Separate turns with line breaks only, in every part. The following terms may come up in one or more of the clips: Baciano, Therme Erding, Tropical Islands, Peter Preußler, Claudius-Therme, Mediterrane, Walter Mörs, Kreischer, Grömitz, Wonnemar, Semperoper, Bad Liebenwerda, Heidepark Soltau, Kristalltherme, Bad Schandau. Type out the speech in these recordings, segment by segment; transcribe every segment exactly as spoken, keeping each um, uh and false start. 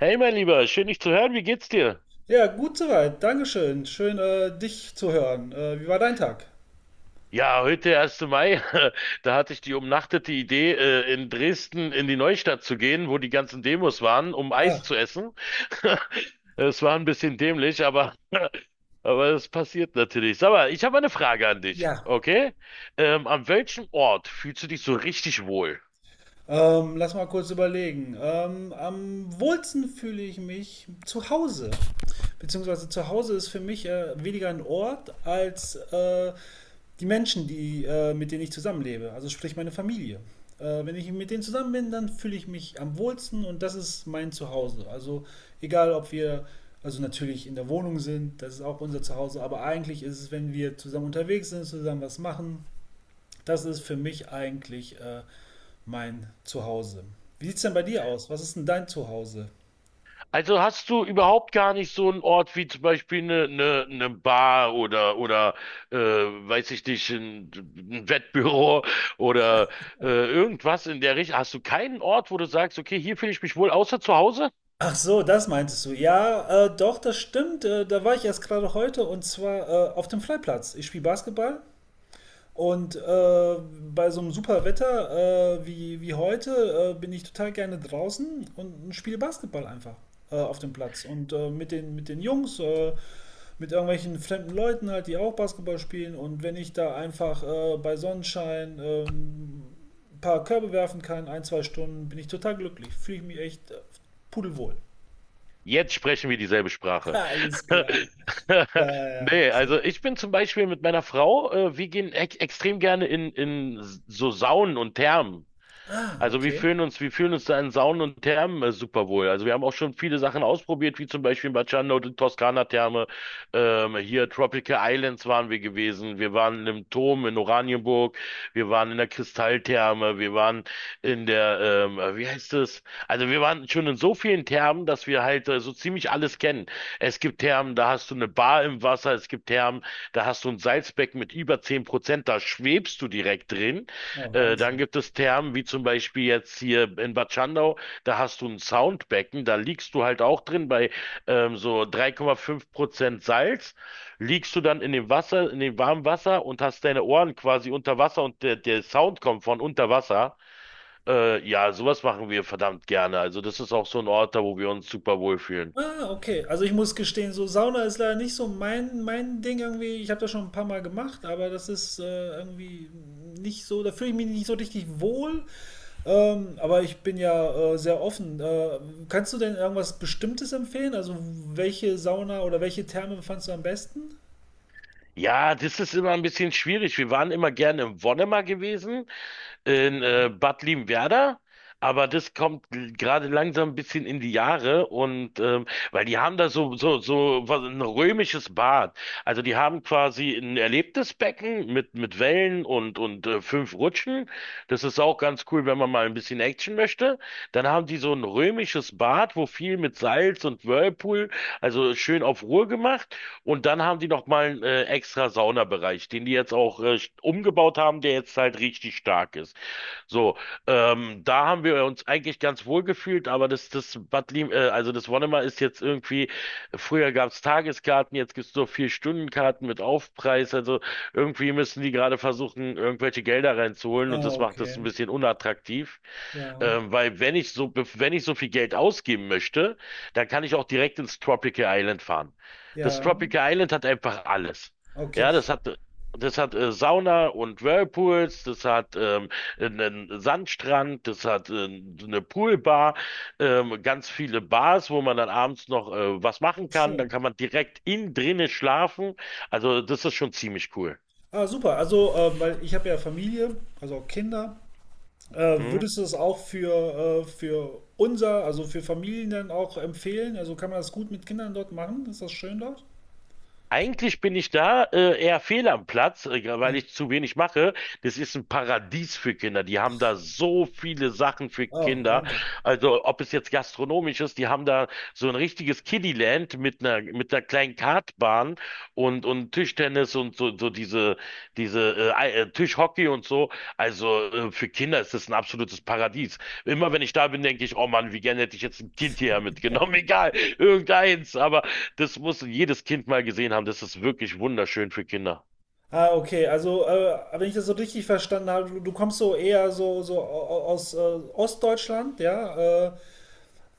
Hey, mein Lieber, schön dich zu hören. Wie geht's dir?
Ja, gut soweit. Dankeschön. Schön, äh, dich zu hören. Äh, wie war dein Tag?
Ja, heute, der erste Mai, da hatte ich die umnachtete Idee, äh, in Dresden in die Neustadt zu gehen, wo die ganzen Demos waren, um Eis
Ach,
zu essen. Es war ein bisschen dämlich, aber, aber das passiert natürlich. Sag mal, ich habe eine Frage an dich,
ja.
okay? Ähm, an welchem Ort fühlst du dich so richtig wohl?
Ähm, lass mal kurz überlegen. Ähm, am wohlsten fühle ich mich zu Hause. Beziehungsweise zu Hause ist für mich äh, weniger ein Ort als äh, die Menschen, die, äh, mit denen ich zusammenlebe, also sprich meine Familie. Äh, wenn ich mit denen zusammen bin, dann fühle ich mich am wohlsten und das ist mein Zuhause. Also egal, ob wir also natürlich in der Wohnung sind, das ist auch unser Zuhause, aber eigentlich ist es, wenn wir zusammen unterwegs sind, zusammen was machen, das ist für mich eigentlich äh, mein Zuhause. Wie sieht es denn bei dir aus? Was ist denn dein Zuhause?
Also hast du überhaupt gar nicht so einen Ort wie zum Beispiel eine, eine, eine Bar oder oder äh, weiß ich nicht, ein, ein Wettbüro oder äh, irgendwas in der Richtung. Hast du keinen Ort, wo du sagst, okay, hier fühle ich mich wohl, außer zu Hause?
Ach so, das meintest du. Ja, äh, doch, das stimmt. Äh, da war ich erst gerade heute und zwar äh, auf dem Freiplatz. Ich spiele Basketball. Und äh, bei so einem super Wetter äh, wie, wie heute äh, bin ich total gerne draußen und spiele Basketball einfach äh, auf dem Platz. Und äh, mit den, mit den Jungs, äh, mit irgendwelchen fremden Leuten halt, die auch Basketball spielen. Und wenn ich da einfach äh, bei Sonnenschein ähm, ein paar Körbe werfen kann, ein, zwei Stunden, bin ich total glücklich. Fühle ich mich echt äh, pudelwohl.
Jetzt sprechen wir dieselbe Sprache.
Alles klar. Ja, ja.
Nee,
Sehr
also
gut.
ich bin zum Beispiel mit meiner Frau, äh, wir gehen ex extrem gerne in, in so Saunen und Thermen.
Ah,
Also wir
okay.
fühlen uns, wir fühlen uns da in Saunen und Thermen äh, super wohl. Also wir haben auch schon viele Sachen ausprobiert, wie zum Beispiel in Baciano, die Toskana-Therme, ähm, hier Tropical Islands waren wir gewesen, wir waren im Turm in Oranienburg, wir waren in der Kristalltherme, wir waren in der, ähm, äh, wie heißt es, also wir waren schon in so vielen Thermen, dass wir halt äh, so ziemlich alles kennen. Es gibt Thermen, da hast du eine Bar im Wasser, es gibt Thermen, da hast du ein Salzbecken mit über zehn Prozent, da schwebst du direkt drin.
Na,
Äh, dann
Wahnsinn.
gibt es Thermen, wie zum Beispiel jetzt hier in Bad Schandau, da hast du ein Soundbecken, da liegst du halt auch drin bei ähm, so drei Komma fünf Prozent Salz. Liegst du dann in dem Wasser, in dem warmen Wasser und hast deine Ohren quasi unter Wasser und der, der Sound kommt von unter Wasser. Äh, ja, sowas machen wir verdammt gerne. Also das ist auch so ein Ort, da wo wir uns super wohlfühlen.
Ah, okay. Also ich muss gestehen, so Sauna ist leider nicht so mein, mein Ding irgendwie. Ich habe das schon ein paar Mal gemacht, aber das ist äh, irgendwie nicht so, da fühle ich mich nicht so richtig wohl. Ähm, aber ich bin ja äh, sehr offen. Äh, kannst du denn irgendwas Bestimmtes empfehlen? Also welche Sauna oder welche Therme fandst du am besten?
Ja, das ist immer ein bisschen schwierig. Wir waren immer gerne im Wonnemar gewesen in äh, Bad Liebenwerda, aber das kommt l- gerade langsam ein bisschen in die Jahre, und ähm, weil die haben da so so so was, ein römisches Bad. Also die haben quasi ein erlebtes Becken mit mit Wellen und und äh, fünf Rutschen. Das ist auch ganz cool, wenn man mal ein bisschen Action möchte. Dann haben die so ein römisches Bad, wo viel mit Salz und Whirlpool, also schön auf Ruhe gemacht. Und dann haben die noch mal einen äh, extra Saunabereich, den die jetzt auch äh, umgebaut haben, der jetzt halt richtig stark ist. So, ähm, da haben wir uns eigentlich ganz wohl gefühlt, aber das, das Bad Lim, äh, also das Wonnemar ist jetzt irgendwie, früher gab's Tageskarten, jetzt gibt's nur vier Stundenkarten mit Aufpreis. Also irgendwie müssen die gerade versuchen, irgendwelche Gelder reinzuholen, und
Ah,
das macht das ein
okay.
bisschen unattraktiv.
Ja.
Ähm, weil wenn ich so, wenn ich so viel Geld ausgeben möchte, dann kann ich auch direkt ins Tropical Island fahren. Das
Ja.
Tropical Island hat einfach alles.
Okay.
Ja, das hat, das hat äh, Sauna und Whirlpools, das hat ähm, einen Sandstrand, das hat äh, eine Poolbar, ähm, ganz viele Bars, wo man dann abends noch äh, was
Das
machen
ist
kann. Dann
schön.
kann man direkt innen drinnen schlafen. Also das ist schon ziemlich cool.
Ah, super. Also, äh, weil ich habe ja Familie, also auch Kinder. Äh,
Hm?
würdest du es auch für, äh, für unser, also für Familien dann auch empfehlen? Also kann man das gut mit Kindern dort machen? Ist das schön dort?
Eigentlich bin ich da äh, eher fehl am Platz, äh, weil
Ja.
ich zu wenig mache. Das ist ein Paradies für Kinder. Die haben da so viele Sachen für
Oh,
Kinder.
Wahnsinn.
Also ob es jetzt gastronomisch ist, die haben da so ein richtiges Kiddieland mit einer mit einer kleinen Kartbahn und und Tischtennis und so so diese diese äh, Ei- äh, Tischhockey und so. Also äh, für Kinder ist das ein absolutes Paradies. Immer wenn ich da bin, denke ich, oh Mann, wie gerne hätte ich jetzt ein Kind hierher mitgenommen. Egal, irgendeins. Aber das muss jedes Kind mal gesehen haben. Das ist wirklich wunderschön für Kinder.
Ah, okay. Also, äh, wenn ich das so richtig verstanden habe, du, du kommst so eher so, so au- aus äh, Ostdeutschland, ja? Äh,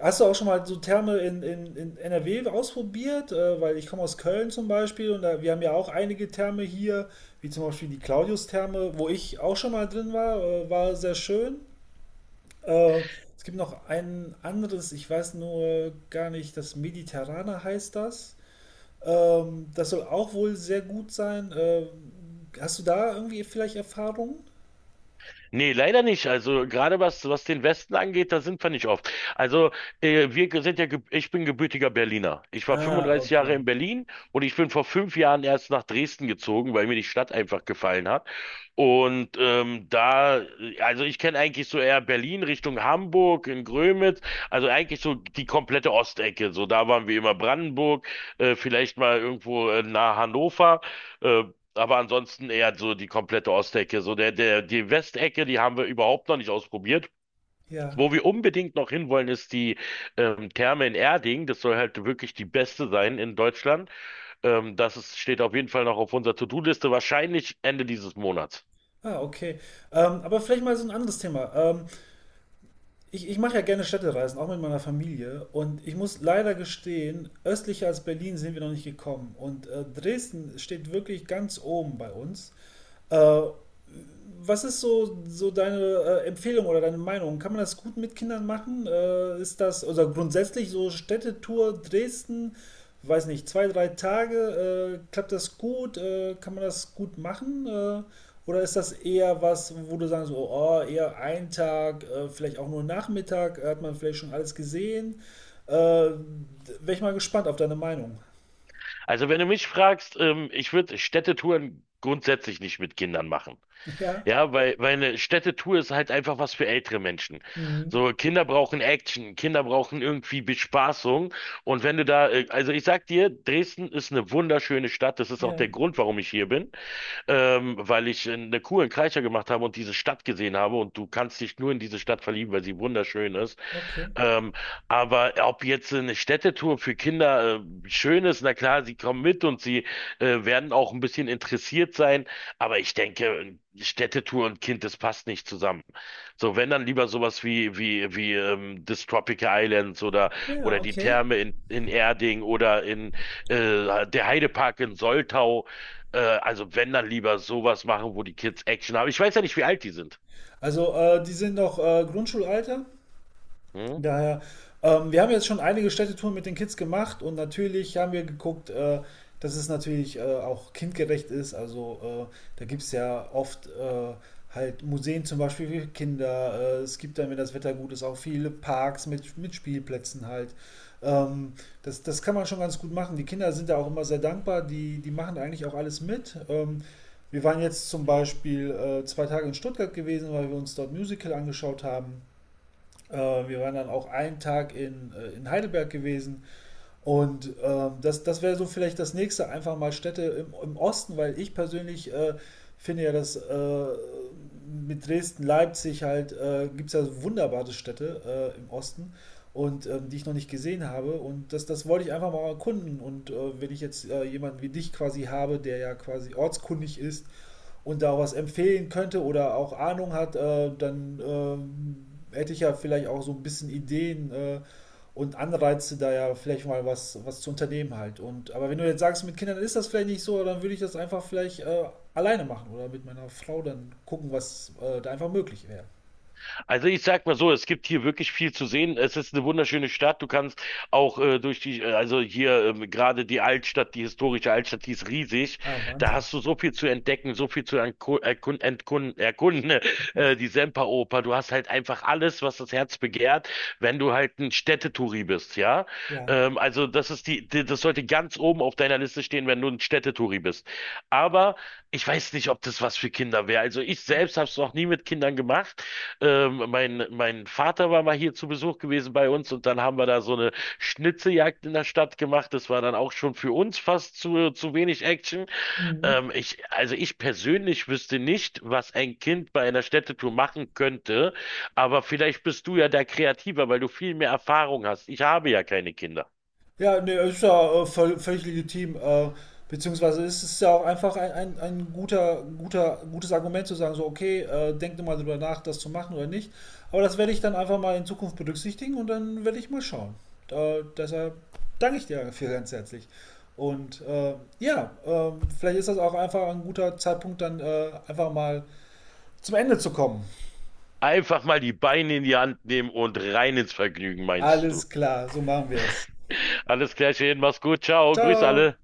Hast du auch schon mal so Therme in, in, in N R W ausprobiert? Äh, weil ich komme aus Köln zum Beispiel und da, wir haben ja auch einige Therme hier, wie zum Beispiel die Claudius-Therme, wo ich auch schon mal drin war, äh, war sehr schön. Äh, Es gibt noch ein anderes, ich weiß nur gar nicht, das Mediterrane heißt das. Ähm, das soll auch wohl sehr gut sein. Ähm, hast du da irgendwie vielleicht Erfahrungen?
Nee, leider nicht. Also gerade was, was den Westen angeht, da sind wir nicht oft. Also äh, wir sind ja, geb- ich bin gebürtiger Berliner. Ich war
Ah,
fünfunddreißig Jahre
okay.
in Berlin, und ich bin vor fünf Jahren erst nach Dresden gezogen, weil mir die Stadt einfach gefallen hat. Und ähm, da, äh, also ich kenne eigentlich so eher Berlin Richtung Hamburg in Grömitz, also eigentlich so die komplette Ostecke. So da waren wir immer Brandenburg, äh, vielleicht mal irgendwo äh, nahe Hannover, äh, aber ansonsten eher so die komplette Ostecke. So der, der, die Westecke, die haben wir überhaupt noch nicht ausprobiert.
Ja.
Wo wir unbedingt noch hinwollen, ist die ähm, Therme in Erding. Das soll halt wirklich die beste sein in Deutschland. Ähm, das ist, steht auf jeden Fall noch auf unserer To-Do-Liste, wahrscheinlich Ende dieses Monats.
Ah, okay. Ähm, aber vielleicht mal so ein anderes Thema. Ähm, ich ich mache ja gerne Städtereisen, auch mit meiner Familie. Und ich muss leider gestehen, östlicher als Berlin sind wir noch nicht gekommen. Und äh, Dresden steht wirklich ganz oben bei uns. Äh, Was ist so, so deine äh, Empfehlung oder deine Meinung? Kann man das gut mit Kindern machen? Äh, ist das, oder grundsätzlich so Städtetour Dresden, weiß nicht, zwei, drei Tage, äh, klappt das gut? Äh, kann man das gut machen? Äh, oder ist das eher was, wo du sagst, so, oh, eher ein Tag, äh, vielleicht auch nur Nachmittag, äh, hat man vielleicht schon alles gesehen? Äh, Wäre ich mal gespannt auf deine Meinung.
Also wenn du mich fragst, ähm, ich würde Städtetouren grundsätzlich nicht mit Kindern machen.
Ja,
Ja, weil, weil eine Städtetour ist halt einfach was für ältere Menschen.
mhm.
So, Kinder brauchen Action, Kinder brauchen irgendwie Bespaßung. Und wenn du da, äh, Also ich sag dir, Dresden ist eine wunderschöne Stadt. Das ist auch
Ja,
der Grund, warum ich hier bin. Ähm, weil ich äh, eine Kur in Kreischer gemacht habe und diese Stadt gesehen habe. Und du kannst dich nur in diese Stadt verlieben, weil sie wunderschön ist.
okay.
Ähm, aber ob jetzt eine Städtetour für Kinder äh, schön ist, na klar, sie kommen mit und sie äh, werden auch ein bisschen interessiert sein. Aber ich denke, Städtetour und Kind, das passt nicht zusammen. So, wenn dann lieber sowas wie, wie, wie ähm, das Tropical Islands, oder,
Ja,
oder die
okay.
Therme in, in Erding oder in äh, der Heidepark in Soltau. Äh, also wenn dann lieber sowas machen, wo die Kids Action haben. Ich weiß ja nicht, wie alt die sind.
Also, äh, die sind noch äh, Grundschulalter?
Hm?
Daher, ähm, wir haben jetzt schon einige Städtetouren mit den Kids gemacht und natürlich haben wir geguckt, äh, dass es natürlich äh, auch kindgerecht ist. Also äh, da gibt es ja oft äh, halt Museen zum Beispiel für Kinder. Äh, es gibt dann, wenn das Wetter gut ist, auch viele Parks mit, mit Spielplätzen halt. Ähm, das, das kann man schon ganz gut machen. Die Kinder sind da auch immer sehr dankbar. Die, die machen eigentlich auch alles mit. Ähm, wir waren jetzt zum Beispiel äh, zwei Tage in Stuttgart gewesen, weil wir uns dort Musical angeschaut haben. Äh, wir waren dann auch einen Tag in, äh, in Heidelberg gewesen. Und ähm, das, das wäre so vielleicht das nächste, einfach mal Städte im, im Osten, weil ich persönlich äh, finde ja, dass äh, mit Dresden, Leipzig halt, äh, gibt es ja so wunderbare Städte äh, im Osten und ähm, die ich noch nicht gesehen habe. Und das, das wollte ich einfach mal erkunden. Und äh, wenn ich jetzt äh, jemanden wie dich quasi habe, der ja quasi ortskundig ist, und da auch was empfehlen könnte oder auch Ahnung hat, äh, dann ähm, hätte ich ja vielleicht auch so ein bisschen Ideen äh, und Anreize, da ja vielleicht mal was, was zu unternehmen halt. Und, aber wenn du jetzt sagst, mit Kindern ist das vielleicht nicht so, dann würde ich das einfach vielleicht äh, alleine machen oder mit meiner Frau dann gucken, was äh, da einfach möglich wäre.
Also ich sag mal so, es gibt hier wirklich viel zu sehen. Es ist eine wunderschöne Stadt. Du kannst auch äh, durch die, äh, also hier ähm, gerade die Altstadt, die historische Altstadt, die ist riesig.
Ah,
Da
Wahnsinn.
hast du so viel zu entdecken, so viel zu erku- erkun- entkun- erkunden. Äh, die Semperoper, du hast halt einfach alles, was das Herz begehrt, wenn du halt ein Städtetouri bist, ja.
Ja.
Ähm, also das ist die, die, das sollte ganz oben auf deiner Liste stehen, wenn du ein Städtetouri bist. Aber ich weiß nicht, ob das was für Kinder wäre. Also ich selbst habe es noch nie mit Kindern gemacht. Ähm, mein, mein Vater war mal hier zu Besuch gewesen bei uns, und dann haben wir da so eine Schnitzeljagd in der Stadt gemacht. Das war dann auch schon für uns fast zu, zu wenig Action.
Mhm.
Ähm, ich, also ich persönlich wüsste nicht, was ein Kind bei einer Städtetour machen könnte, aber vielleicht bist du ja da kreativer, weil du viel mehr Erfahrung hast. Ich habe ja keine Kinder.
Ja, ne, ist ja äh, völ- völlig legitim. Äh, beziehungsweise ist es ja auch einfach ein, ein, ein guter, guter, gutes Argument zu sagen, so, okay, äh, denkt mal drüber nach, das zu machen oder nicht. Aber das werde ich dann einfach mal in Zukunft berücksichtigen und dann werde ich mal schauen. Äh, deshalb danke ich dir dafür ganz herzlich. Und äh, ja, ähm, vielleicht ist das auch einfach ein guter Zeitpunkt, dann äh, einfach mal zum Ende zu kommen.
Einfach mal die Beine in die Hand nehmen und rein ins Vergnügen, meinst du?
Alles klar, so machen wir es. Perfekt.
Alles klar, schön, mach's gut, ciao, grüß
Ciao.
alle.